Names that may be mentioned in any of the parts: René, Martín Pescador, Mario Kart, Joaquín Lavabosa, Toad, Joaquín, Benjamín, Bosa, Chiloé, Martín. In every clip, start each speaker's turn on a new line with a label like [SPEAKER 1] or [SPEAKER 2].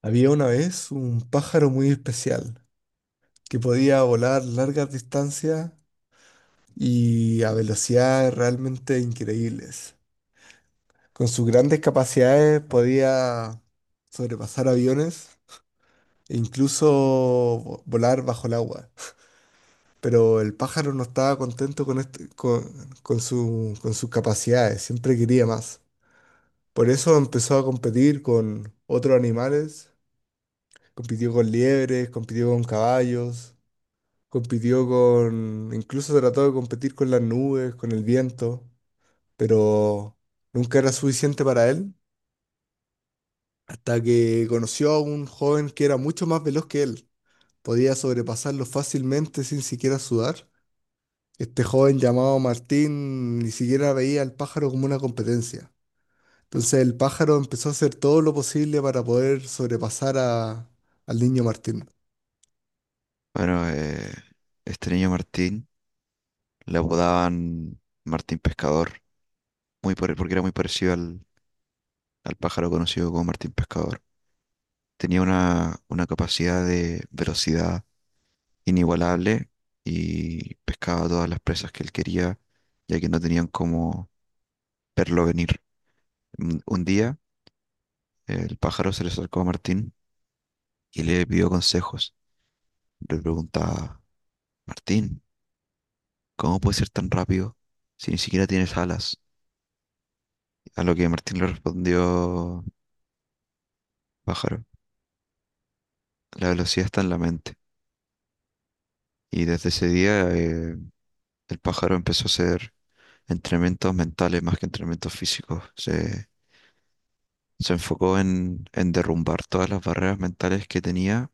[SPEAKER 1] Había una vez un pájaro muy especial que podía volar largas distancias y a velocidades realmente increíbles. Con sus grandes capacidades podía sobrepasar aviones e incluso volar bajo el agua. Pero el pájaro no estaba contento con, este- con su- con sus capacidades, siempre quería más. Por eso empezó a competir con otros animales, compitió con liebres, compitió con caballos. Compitió con, incluso trató de competir con las nubes, con el viento, pero nunca era suficiente para él, hasta que conoció a un joven que era mucho más veloz que él. Podía sobrepasarlo fácilmente sin siquiera sudar. Este joven llamado Martín ni siquiera veía al pájaro como una competencia. Entonces el pájaro empezó a hacer todo lo posible para poder sobrepasar al niño Martín.
[SPEAKER 2] Bueno, este niño Martín le apodaban Martín Pescador, porque era muy parecido al pájaro conocido como Martín Pescador. Tenía una capacidad de velocidad inigualable y pescaba todas las presas que él quería, ya que no tenían cómo verlo venir. Un día, el pájaro se le acercó a Martín y le pidió consejos. Le preguntaba, Martín, ¿cómo puedes ser tan rápido si ni siquiera tienes alas? A lo que Martín le respondió: Pájaro, la velocidad está en la mente. Y desde ese día el pájaro empezó a hacer entrenamientos mentales más que entrenamientos físicos. Se enfocó en derrumbar todas las barreras mentales que tenía,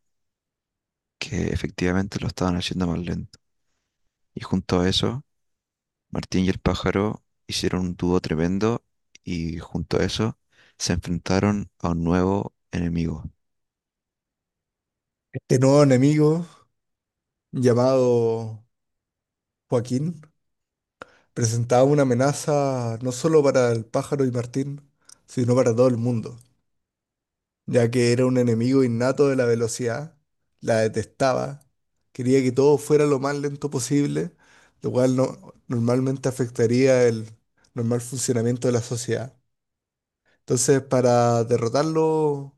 [SPEAKER 2] que efectivamente lo estaban haciendo más lento. Y junto a eso, Martín y el pájaro hicieron un dúo tremendo, y junto a eso se enfrentaron a un nuevo enemigo.
[SPEAKER 1] Este nuevo enemigo, llamado Joaquín, presentaba una amenaza no solo para el pájaro y Martín, sino para todo el mundo, ya que era un enemigo innato de la velocidad, la detestaba, quería que todo fuera lo más lento posible, lo cual no, normalmente afectaría el normal funcionamiento de la sociedad. Entonces, para derrotarlo,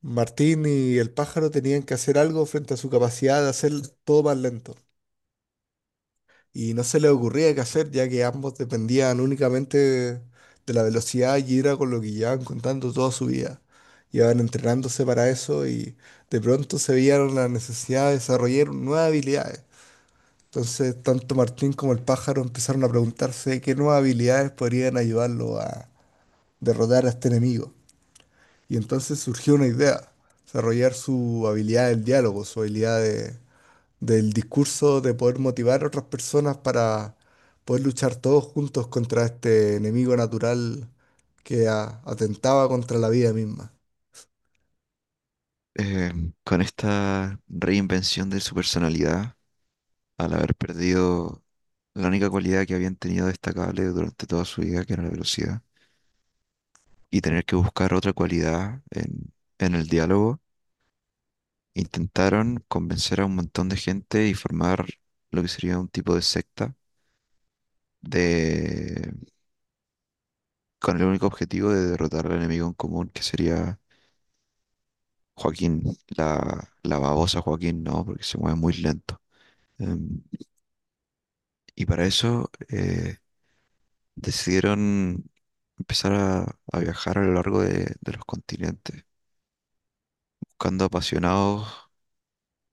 [SPEAKER 1] Martín y el pájaro tenían que hacer algo frente a su capacidad de hacer todo más lento, y no se le ocurría qué hacer, ya que ambos dependían únicamente de la velocidad y era con lo que llevaban contando toda su vida. Llevaban entrenándose para eso y de pronto se vieron la necesidad de desarrollar nuevas habilidades. Entonces, tanto Martín como el pájaro empezaron a preguntarse qué nuevas habilidades podrían ayudarlo a derrotar a este enemigo. Y entonces surgió una idea, desarrollar su habilidad del diálogo, su habilidad de, del discurso de poder motivar a otras personas para poder luchar todos juntos contra este enemigo natural que atentaba contra la vida misma.
[SPEAKER 2] Eh, con esta reinvención de su personalidad, al haber perdido la única cualidad que habían tenido destacable durante toda su vida, que era la velocidad, y tener que buscar otra cualidad en el diálogo, intentaron convencer a un montón de gente y formar lo que sería un tipo de secta de, con el único objetivo de derrotar al enemigo en común, que sería Joaquín, la babosa Joaquín, ¿no? Porque se mueve muy lento. Em, y para eso decidieron empezar a viajar a lo largo de los continentes, buscando apasionados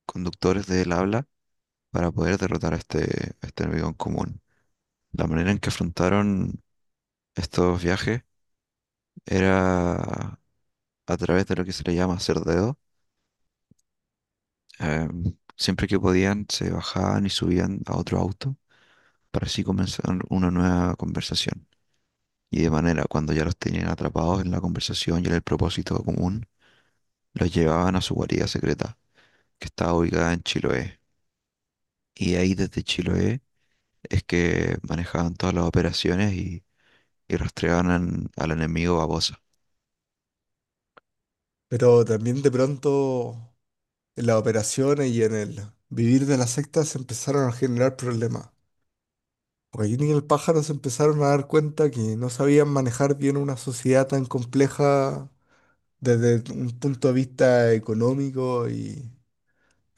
[SPEAKER 2] conductores del habla para poder derrotar a a este enemigo en común. La manera en que afrontaron estos viajes era a través de lo que se le llama hacer dedo. Em, Siempre que podían, se bajaban y subían a otro auto para así comenzar una nueva conversación. Y de manera, cuando ya los tenían atrapados en la conversación y en el propósito común, los llevaban a su guarida secreta, que estaba ubicada en Chiloé. Y de ahí, desde Chiloé, es que manejaban todas las operaciones y rastreaban al enemigo a Bosa.
[SPEAKER 1] Pero también de pronto en las operaciones y en el vivir de las sectas se empezaron a generar problemas. Joaquín y el pájaro se empezaron a dar cuenta que no sabían manejar bien una sociedad tan compleja desde un punto de vista económico y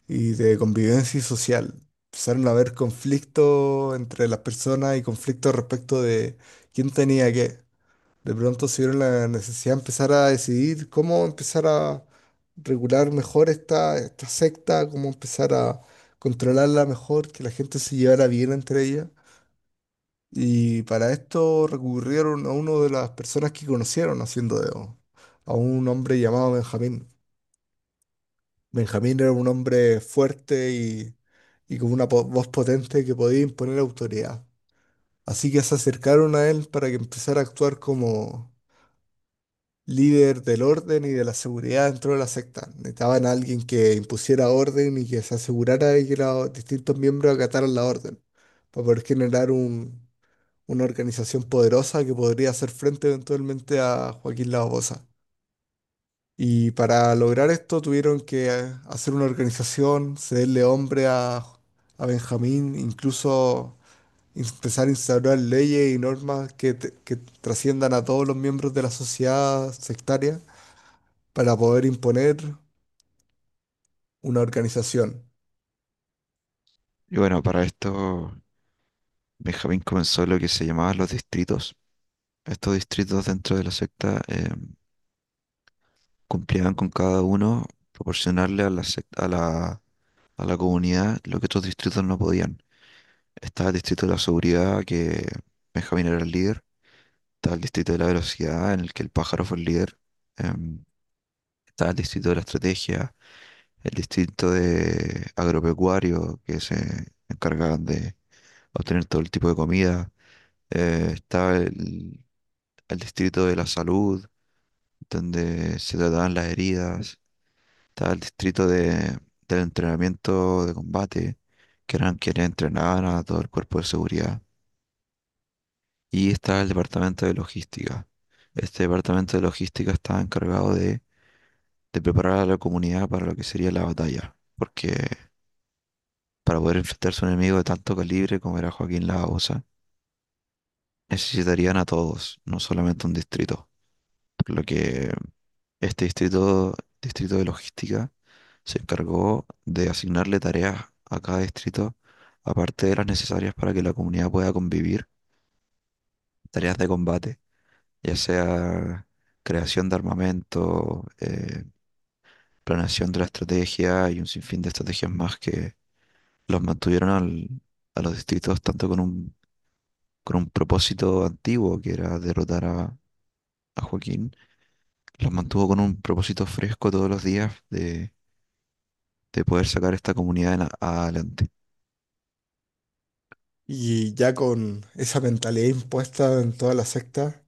[SPEAKER 1] y de convivencia y social. Empezaron a haber conflictos entre las personas y conflictos respecto de quién tenía qué. De pronto se vieron la necesidad de empezar a decidir cómo empezar a regular mejor esta secta, cómo empezar a controlarla mejor, que la gente se llevara bien entre ellas. Y para esto recurrieron a una de las personas que conocieron haciendo dedo, a un hombre llamado Benjamín. Benjamín era un hombre fuerte y con una voz potente que podía imponer autoridad. Así que se acercaron a él para que empezara a actuar como líder del orden y de la seguridad dentro de la secta. Necesitaban a alguien que impusiera orden y que se asegurara de que los distintos miembros acataran la orden, para poder generar una organización poderosa que podría hacer frente eventualmente a Joaquín Lavabosa. Y para lograr esto tuvieron que hacer una organización, cederle hombre a Benjamín, incluso empezar a instaurar leyes y normas que trasciendan a todos los miembros de la sociedad sectaria para poder imponer una organización.
[SPEAKER 2] Y bueno, para esto Benjamín comenzó lo que se llamaban los distritos. Estos distritos dentro de la secta cumplían con cada uno proporcionarle a a a la comunidad lo que otros distritos no podían. Estaba el distrito de la seguridad, que Benjamín era el líder. Estaba el distrito de la velocidad, en el que el pájaro fue el líder. Em, Estaba el distrito de la estrategia, el distrito de agropecuario, que se encargan de obtener todo el tipo de comida. Está el distrito de la salud, donde se trataban las heridas. Está el distrito del entrenamiento de combate, que eran quienes entrenaban a todo el cuerpo de seguridad. Y está el departamento de logística. Este departamento de logística estaba encargado de preparar a la comunidad para lo que sería la batalla, porque para poder enfrentarse a un enemigo de tanto calibre como era Joaquín Lagosa, necesitarían a todos, no solamente un distrito. Por lo que este distrito, distrito de logística, se encargó de asignarle tareas a cada distrito, aparte de las necesarias para que la comunidad pueda convivir, tareas de combate, ya sea creación de armamento, planeación de la estrategia y un sinfín de estrategias más que los mantuvieron a los distritos tanto con un propósito antiguo, que era derrotar a Joaquín. Los mantuvo con un propósito fresco todos los días de poder sacar esta comunidad en adelante.
[SPEAKER 1] Y ya con esa mentalidad impuesta en toda la secta,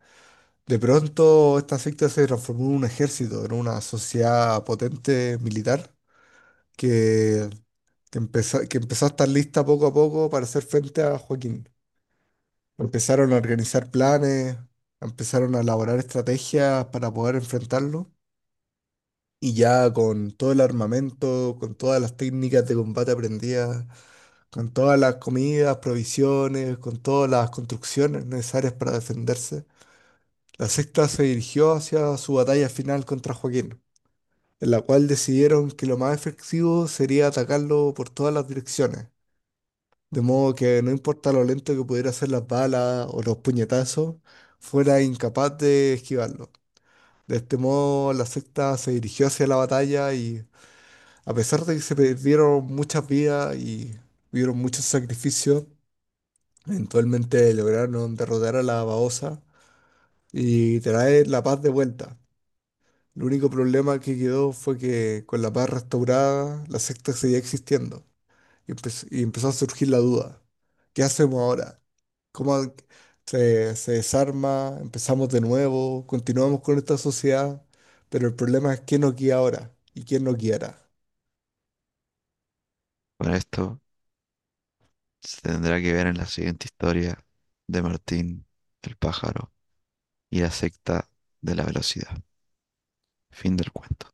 [SPEAKER 1] de pronto esta secta se transformó en un ejército, en una sociedad potente militar que que empezó a estar lista poco a poco para hacer frente a Joaquín. Empezaron a organizar planes, empezaron a elaborar estrategias para poder enfrentarlo. Y ya con todo el armamento, con todas las técnicas de combate aprendidas, con todas las comidas, provisiones, con todas las construcciones necesarias para defenderse, la sexta se dirigió hacia su batalla final contra Joaquín, en la cual decidieron que lo más efectivo sería atacarlo por todas las direcciones, de modo que no importa lo lento que pudiera ser las balas o los puñetazos, fuera incapaz de esquivarlo. De este modo, la secta se dirigió hacia la batalla y, a pesar de que se perdieron muchas vidas y hubieron muchos sacrificios, eventualmente lograron derrotar a la Baosa y traer la paz de vuelta. El único problema que quedó fue que con la paz restaurada, la secta seguía existiendo. Y, y empezó a surgir la duda. ¿Qué hacemos ahora? ¿Cómo se desarma? ¿Empezamos de nuevo? ¿Continuamos con esta sociedad? Pero el problema es quién nos guía ahora y quién nos guiará.
[SPEAKER 2] Bueno, esto se tendrá que ver en la siguiente historia de Martín, el pájaro y la secta de la velocidad. Fin del cuento.